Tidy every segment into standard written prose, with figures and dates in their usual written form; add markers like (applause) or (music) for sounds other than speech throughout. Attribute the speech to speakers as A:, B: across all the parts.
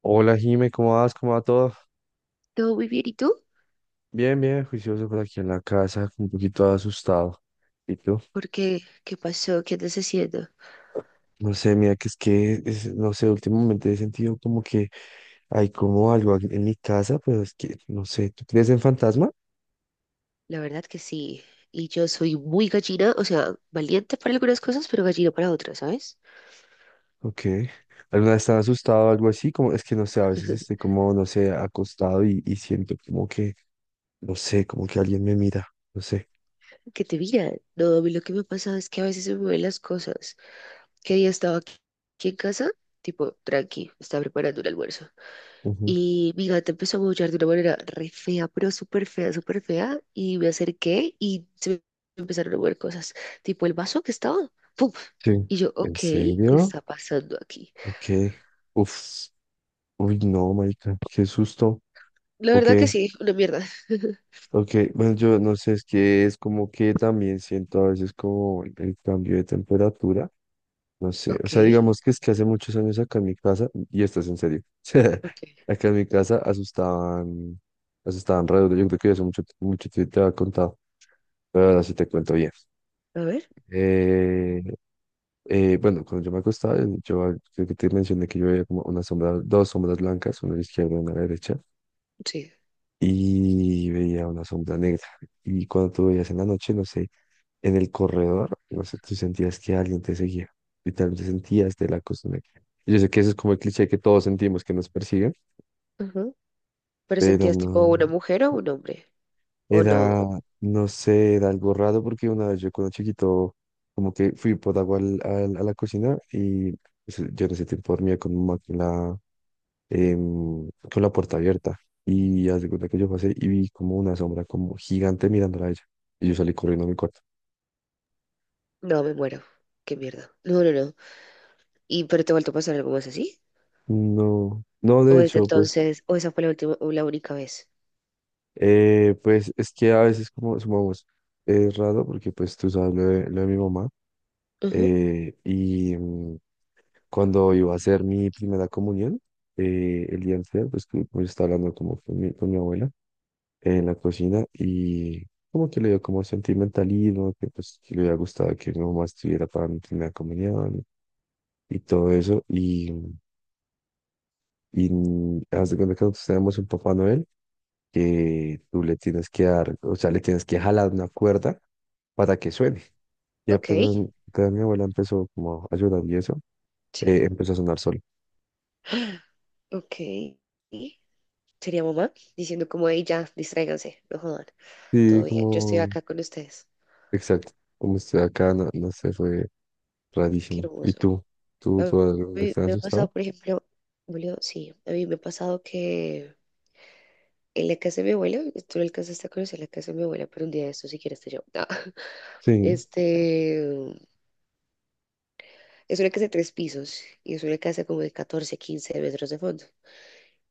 A: Hola Jime, ¿cómo vas? ¿Cómo va todo?
B: Todo muy bien, ¿y tú?
A: Bien, bien, juicioso por aquí en la casa, un poquito asustado. ¿Y tú?
B: ¿Por qué? ¿Qué pasó? ¿Qué andas haciendo?
A: No sé, mira que no sé, últimamente he sentido como que hay como algo aquí en mi casa, pero es que, no sé, ¿tú crees en fantasma?
B: La verdad que sí. Y yo soy muy gallina, o sea, valiente para algunas cosas, pero gallina para otras, ¿sabes?
A: Ok. ¿Alguna vez estás asustado o algo así? Como, es que no sé, a veces estoy
B: (laughs)
A: como, no sé, acostado y siento como que, no sé, como que alguien me mira, no sé.
B: Que te miran. No, a mí lo que me pasa es que a veces se me mueven las cosas. ¿Qué día estaba aquí, aquí en casa? Tipo, tranqui, estaba preparando un almuerzo.
A: Ujú.
B: Y mi gata empezó a maullar de una manera re fea, pero súper fea, súper fea. Y me acerqué y se me empezaron a mover cosas. Tipo, el vaso que estaba, ¡pum!
A: Sí.
B: Y yo, ok,
A: ¿En
B: ¿qué
A: serio?
B: está pasando aquí?
A: Ok. Uf. Uy, no, marica, qué susto.
B: La
A: Ok.
B: verdad que sí, una mierda.
A: Ok, bueno, yo no sé, es que es como que también siento a veces como el cambio de temperatura, no sé, o
B: Ok,
A: sea, digamos que es que hace muchos años acá en mi casa, y esto es en serio, (laughs)
B: ok.
A: acá en mi casa asustaban, asustaban re duro, yo creo que eso mucho, mucho te había contado, pero ahora sí te cuento bien.
B: A ver,
A: Eh, bueno, cuando yo me acostaba, yo creo que te mencioné que yo veía como una sombra, dos sombras blancas, una a la izquierda y una a la derecha,
B: sí.
A: y veía una sombra negra, y cuando tú veías en la noche, no sé. En el corredor, no sé, tú sentías que alguien te seguía. Literalmente sentías de la costumbre. Yo sé que eso es como el cliché que todos sentimos que nos persiguen,
B: Ajá. ¿Pero
A: pero
B: sentías tipo
A: no.
B: una mujer o un hombre? ¿O no?
A: Era, no sé, era algo raro porque una vez yo cuando chiquito, como que fui por agua a la cocina y pues, yo en ese tiempo dormía con mi mamá con la puerta abierta. Y haz de cuenta que yo pasé y vi como una sombra como gigante mirándola a ella. Y yo salí corriendo a mi cuarto.
B: No, me muero. Qué mierda. No, no, no. ¿Y pero te ha vuelto a pasar algo más así?
A: No, no,
B: ¿O
A: de
B: desde
A: hecho, pues.
B: entonces, o esa fue la última, o la única vez?
A: Pues es que a veces como sumamos, es raro porque pues tú sabes lo de mi mamá,
B: Ajá.
A: eh, y mm, cuando iba a hacer mi primera comunión, el día anterior pues, estaba hablando como con mi abuela en la cocina y como que le dio como sentimentalismo, que pues que le había gustado que mi mamá estuviera para mi primera comunión y todo eso haz de cuenta que nosotros tenemos un Papá Noel que tú le tienes que dar, o sea, le tienes que jalar una cuerda para que suene. Y
B: Ok,
A: apenas, apenas mi abuela empezó como a ayudar y eso,
B: sí.
A: empezó a sonar solo.
B: (gasps) Ok. Sería mamá diciendo como, hey, ya, distráiganse, no jodan.
A: Sí,
B: Todo bien, yo estoy
A: como,
B: acá con ustedes.
A: exacto, como estoy acá, no, no sé, fue
B: Qué
A: rarísimo. ¿Y
B: hermoso.
A: tú? ¿Tú,
B: A
A: tú alguna vez
B: mí
A: te has
B: me ha
A: asustado?
B: pasado, por ejemplo, Julio, sí, a mí me ha pasado que en la casa de mi abuela, tú no alcanzaste a conocer la casa de mi abuela, pero un día de esto si quieres te llevo. No. (laughs)
A: Sí.
B: Este, es una casa de tres pisos y es una casa como de 14, 15 metros de fondo.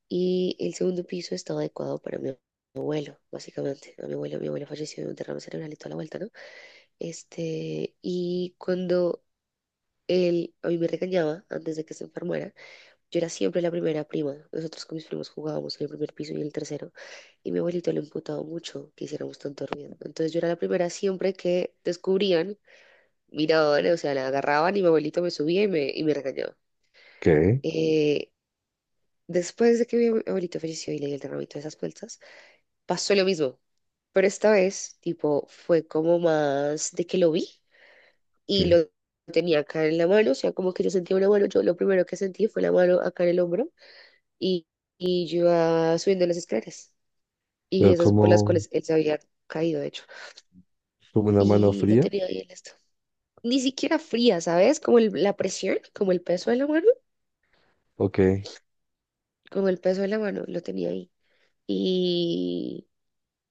B: Y el segundo piso estaba adecuado para mi abuelo, básicamente. A mi abuelo falleció de un derrame cerebral y toda la vuelta, ¿no? Este, y cuando él a mí me regañaba antes de que se enfermara, yo era siempre la primera prima. Nosotros con mis primos jugábamos en el primer piso y en el tercero. Y mi abuelito le imputaba mucho que hiciéramos tanto ruido. Entonces yo era la primera siempre que descubrían, miraban, o sea, la agarraban y mi abuelito me subía y me regañaba.
A: ¿Qué?
B: Eh, Después de que mi abuelito falleció y le dio el derramito de esas puertas, pasó lo mismo. Pero esta vez, tipo, fue como más de que lo vi y
A: ¿Qué?
B: lo tenía acá en la mano. O sea, como que yo sentía una mano. Yo lo primero que sentí fue la mano acá en el hombro y, y yo iba subiendo las escaleras y
A: ¿Pero
B: esas por las
A: como,
B: cuales él se había caído, de hecho,
A: como una mano
B: y lo
A: fría?
B: tenía ahí en esto. Ni siquiera fría, ¿sabes? Como la presión, como el peso de la mano,
A: Ok.
B: como el peso de la mano, lo tenía ahí. ¿Y,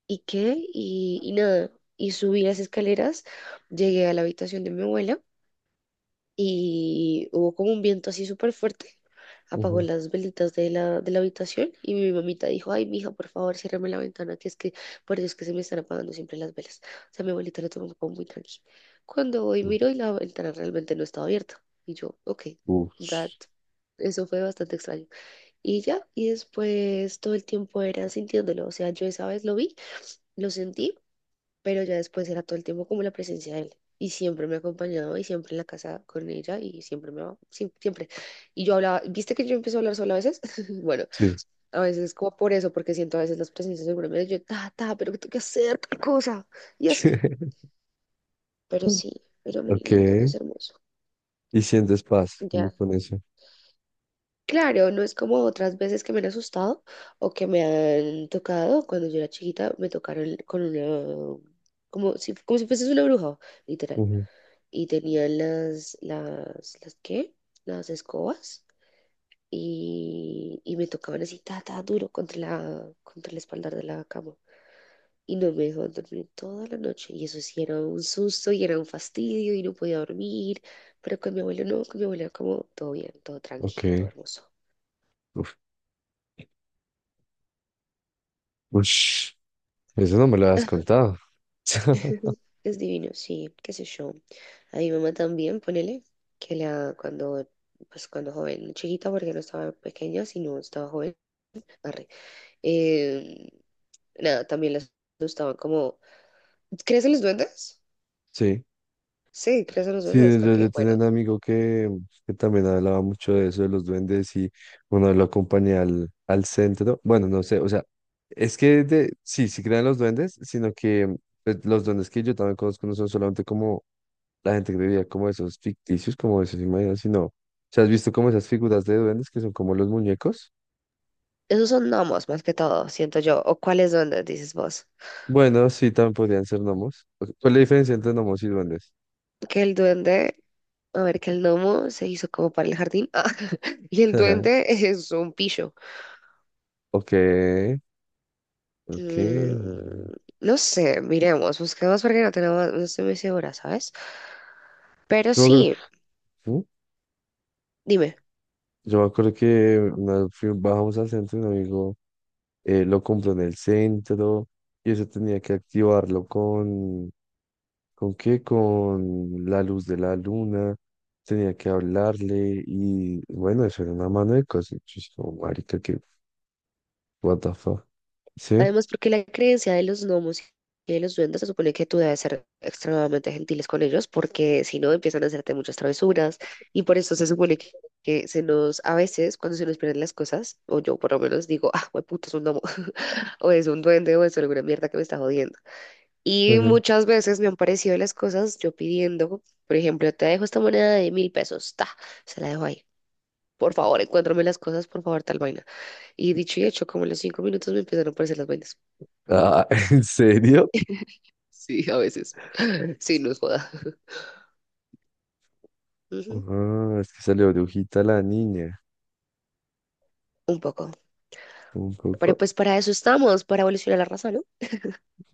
B: y qué? Y nada, y subí las escaleras, llegué a la habitación de mi abuela y hubo como un viento así súper fuerte. Apagó
A: Ujú.
B: las velitas de la habitación y mi mamita dijo, ay, mija, por favor, ciérrame la ventana, que es que por Dios que se me están apagando siempre las velas. O sea, mi abuelita lo tomó como muy tranqui. Cuando hoy
A: Uf,
B: miro y la ventana realmente no estaba abierta. Y yo, ok, that,
A: uf.
B: eso fue bastante extraño. Y ya, y después todo el tiempo era sintiéndolo, o sea, yo esa vez lo vi, lo sentí, pero ya después era todo el tiempo como la presencia de él. Y siempre me ha acompañado y siempre en la casa con ella y siempre me va, sí, siempre. Y yo hablaba, ¿viste que yo empecé a hablar sola a veces? (laughs) Bueno,
A: Sí.
B: a veces como por eso, porque siento a veces las presencias seguramente yo, ta, ta, pero que tengo que hacer tal cosa. Y así.
A: (laughs)
B: Pero sí, era muy
A: Ok.
B: lindo y es hermoso.
A: Y sientes paz, como
B: Ya.
A: con eso.
B: Claro, no es como otras veces que me han asustado o que me han tocado. Cuando yo era chiquita me tocaron con una, como si fuese una bruja, literal,
A: Ujú.
B: y tenía las, ¿qué? Las escobas y me tocaban así, ta, ta, duro contra la, contra el espaldar de la cama. Y no me dejaban dormir toda la noche. Y eso sí era un susto y era un fastidio y no podía dormir. Pero con mi abuelo no, con mi abuelo era como todo bien, todo tranqui, todo
A: Ok.
B: hermoso.
A: Uf. Ush. Eso no me lo has contado. (laughs)
B: (laughs) Es divino, sí, qué sé yo. A mi mamá también, ponele, que la, cuando, pues cuando joven, chiquita, porque no estaba pequeña, sino estaba joven, arre, Eh, nada, también les gustaban como… ¿Crees en los duendes?
A: Sí.
B: Sí, ¿crees en los
A: Sí,
B: duendes?
A: yo,
B: Ok,
A: yo tenía
B: bueno.
A: un amigo que también hablaba mucho de eso, de los duendes, y bueno, lo acompañé al centro. Bueno, no sé, o sea, sí, sí crean los duendes, sino que pues, los duendes que yo también conozco no son solamente como la gente que vivía como esos ficticios, como esos imaginarios sino, o sea, ¿has visto como esas figuras de duendes que son como los muñecos?
B: Esos son gnomos más que todo, siento yo. ¿O cuáles duendes, dices vos?
A: Bueno, sí, también podrían ser gnomos. Ok, ¿cuál es la diferencia entre gnomos y duendes?
B: Que el duende… A ver, que el gnomo se hizo como para el jardín. (laughs) Ah, y el duende
A: (laughs)
B: es un pillo.
A: Ok, ok.
B: Mm, no sé, miremos, busquemos porque no tenemos… No estoy muy segura, ¿sabes? Pero
A: Yo
B: sí,
A: creo-
B: dime.
A: Yo me acuerdo que bajamos al centro y un amigo, lo compró en el centro y eso tenía que activarlo ¿con qué? Con la luz de la luna, tenía que hablarle y bueno, eso era una mano de cosas. Yo dije, como, marica, que, what the fuck. ¿Sí?
B: Además, porque la creencia de los gnomos y de los duendes se supone que tú debes ser extremadamente gentiles con ellos, porque si no empiezan a hacerte muchas travesuras, y por eso se supone que se nos, a veces, cuando se nos pierden las cosas, o yo por lo menos digo, ah, puto, es un gnomo, (laughs) o es un duende, o es alguna mierda que me está jodiendo. Y
A: Claro.
B: muchas veces me han parecido las cosas yo pidiendo, por ejemplo, te dejo esta moneda de 1.000 pesos, ta, se la dejo ahí. Por favor, encuéntrame las cosas, por favor, tal vaina. Y dicho y hecho, como en los 5 minutos me empiezan a aparecer las vainas.
A: Ah, (laughs) ¿en serio?
B: Sí, a veces. (laughs) Sí, nos joda. (laughs) Ujú,
A: Ah, es que salió brujita la niña.
B: un poco.
A: Un
B: Pero
A: poco.
B: pues para eso estamos, para evolucionar la raza, ¿no?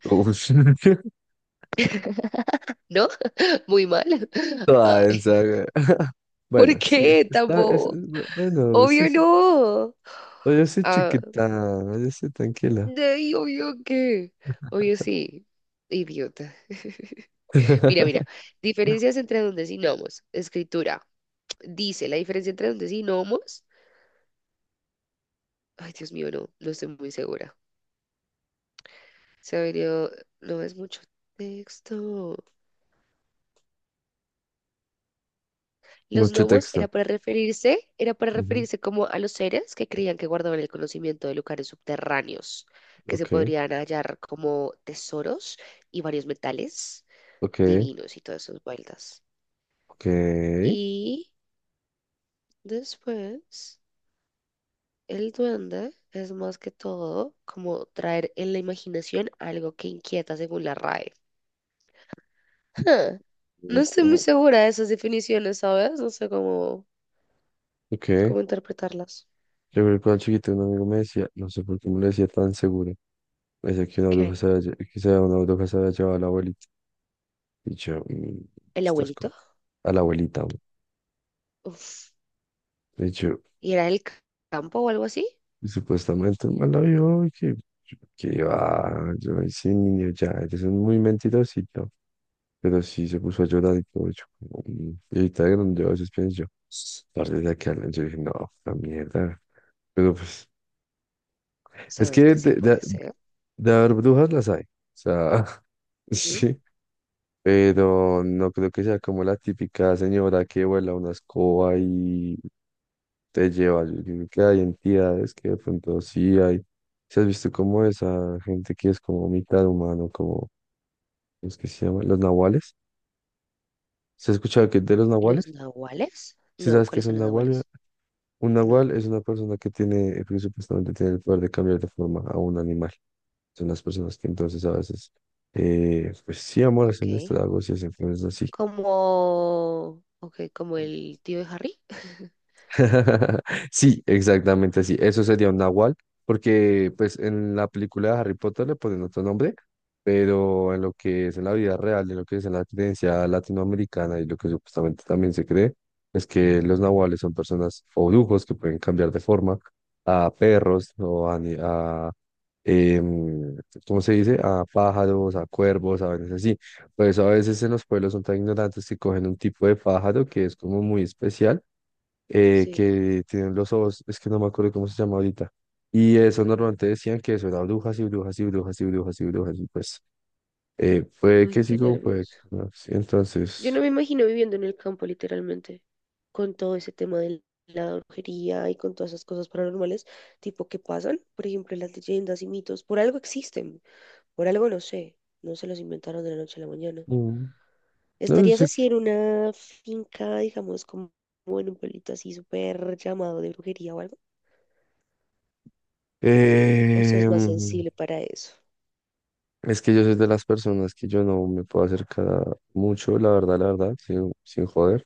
A: Uy, (laughs)
B: ¿No? (laughs) Muy mal. (laughs)
A: toda
B: Ay,
A: densa, güey.
B: ¿por
A: Bueno, sí,
B: qué
A: está,
B: tampoco?
A: bueno, sí,
B: Obvio
A: sí.
B: no.
A: Oye, sí,
B: Ah,
A: chiquita, oye, sí, tranquila.
B: de ahí, obvio que. Obvio sí. Idiota. (laughs) Mira, mira.
A: (laughs)
B: Diferencias entre dondesinomos. Escritura. Dice la diferencia entre dondesinomos. Ay, Dios mío, no, no estoy muy segura. Se ha venido. No es mucho texto. Los
A: Mucho
B: gnomos
A: texto.
B: era para referirse, era para
A: Ujú.
B: referirse como a los seres que creían que guardaban el conocimiento de lugares subterráneos, que se
A: Ok,
B: podrían hallar como tesoros y varios metales
A: ok,
B: divinos y todas esas vueltas.
A: ok.
B: Y después, el duende es más que todo como traer en la imaginación algo que inquieta según la RAE. Huh. No
A: Mm,
B: estoy muy
A: mm,
B: segura de esas definiciones, ¿sabes? No sé cómo,
A: ok, yo
B: cómo interpretarlas.
A: creo que cuando chiquito un amigo me decía, no sé por qué me lo decía tan seguro, me decía que una bruja
B: ¿Qué?
A: se había, una bruja se había llevado a la abuelita. Y yo, "Mm,
B: ¿El
A: estás con
B: abuelito?
A: a la abuelita, güey".
B: Uf.
A: Y yo,
B: Y era el campo o algo así.
A: y supuestamente el man la vio y que iba, yo, "Ay, sí, niño, ya, eres un muy mentirosito". Pero sí se puso a llorar y todo. Yo, como, "Mm". Y ahorita de grande, yo a veces pienso, tarde de que hablen, yo dije, no, la mierda. Pero pues, es
B: ¿Sabes
A: que
B: que sí puede ser?
A: de haber brujas las hay. O sea, (laughs)
B: Ujú.
A: sí. Pero no creo que sea como la típica señora que vuela una escoba y te lleva. Yo creo que hay entidades que de pronto sí hay. ¿Se has visto como esa gente que es como mitad humano, como los que se llaman los nahuales? ¿Se ha escuchado que de los
B: ¿Los
A: nahuales?
B: nahuales?
A: ¿Sí
B: No,
A: sabes qué
B: ¿cuáles
A: es
B: son
A: un
B: los
A: nahual?
B: nahuales?
A: Un
B: No,
A: nahual es una persona que tiene, que supuestamente tiene el poder de cambiar de forma a un animal. Son las personas que entonces a veces, pues sí, amor, hacen esto,
B: ok.
A: algo, si hacen cosas así.
B: Como, ok, como el tío de Harry. (laughs)
A: (laughs) Sí, exactamente así. Eso sería un nahual, porque pues en la película de Harry Potter le ponen otro nombre, pero en lo que es en la vida real, en lo que es en la creencia latinoamericana y lo que supuestamente también se cree, es que los nahuales son personas o brujos que pueden cambiar de forma a perros o a, em, ¿cómo se dice? A pájaros, a cuervos, a veces así. Por eso a veces en los pueblos son tan ignorantes que cogen un tipo de pájaro que es como muy especial,
B: Sí.
A: que tienen los ojos, es que no me acuerdo cómo se llama ahorita. Y eso normalmente decían que eso era brujas y brujas y brujas y brujas y brujas. Y pues, puede
B: Ay,
A: que
B: qué
A: sigo, puede
B: nervioso.
A: que no. Sí,
B: Yo no
A: entonces,
B: me imagino viviendo en el campo, literalmente, con todo ese tema de la brujería y con todas esas cosas paranormales, tipo que pasan, por ejemplo, las leyendas y mitos, por algo existen, por algo no sé, no se los inventaron de la noche a la mañana.
A: mm, no
B: ¿Estarías
A: sé.
B: así en una finca, digamos, como, como en un pueblito así súper llamado de brujería o algo? ¿O
A: Eh,
B: sos más sensible para eso?
A: Es que yo soy de las personas que yo no me puedo acercar a mucho, la verdad, sin joder,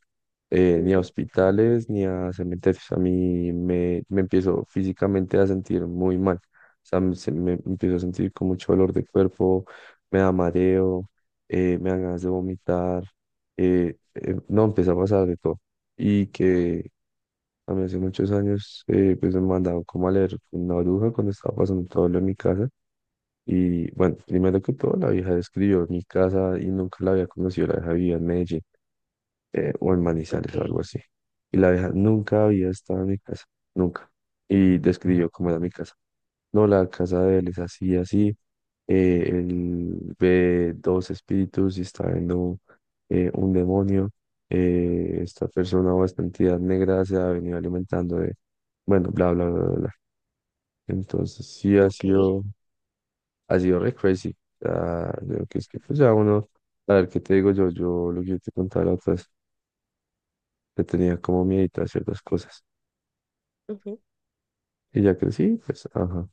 A: ni a
B: Ujú.
A: hospitales, ni a cementerios. A mí me empiezo físicamente a sentir muy mal. O sea, me empiezo a sentir con mucho dolor de cuerpo, me da mareo, me dan ganas de vomitar. No, empieza a pasar de todo. Y que a mí hace muchos años, pues me mandaron como a leer una bruja cuando estaba pasando todo lo de mi casa. Y bueno, primero que todo, la vieja describió mi casa y nunca la había conocido. La vieja vivía en Medellín, o en
B: Ok,
A: Manizales o algo así. Y la vieja nunca había estado en mi casa, nunca. Y describió cómo era mi casa. No, la casa de él es así, así. Él ve dos espíritus y está viendo, un demonio. Esta persona o esta entidad negra se ha venido alimentando de, bueno, bla, bla, bla, bla, bla. Entonces, sí ha
B: ok.
A: sido, ha sido re crazy. O sea, yo que es que pues ya uno, a ver qué te digo yo, yo lo que yo te contaba la otra vez, que tenía como miedito a ciertas cosas.
B: Ujú.
A: Y ya crecí, pues, ajá.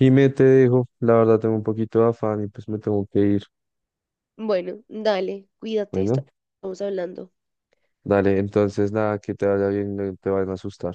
A: Me te dejo, la verdad tengo un poquito de afán y pues me tengo que ir.
B: Bueno, dale, cuídate,
A: Bueno,
B: estamos hablando.
A: dale, entonces nada, que te vaya bien, no te vayan a asustar.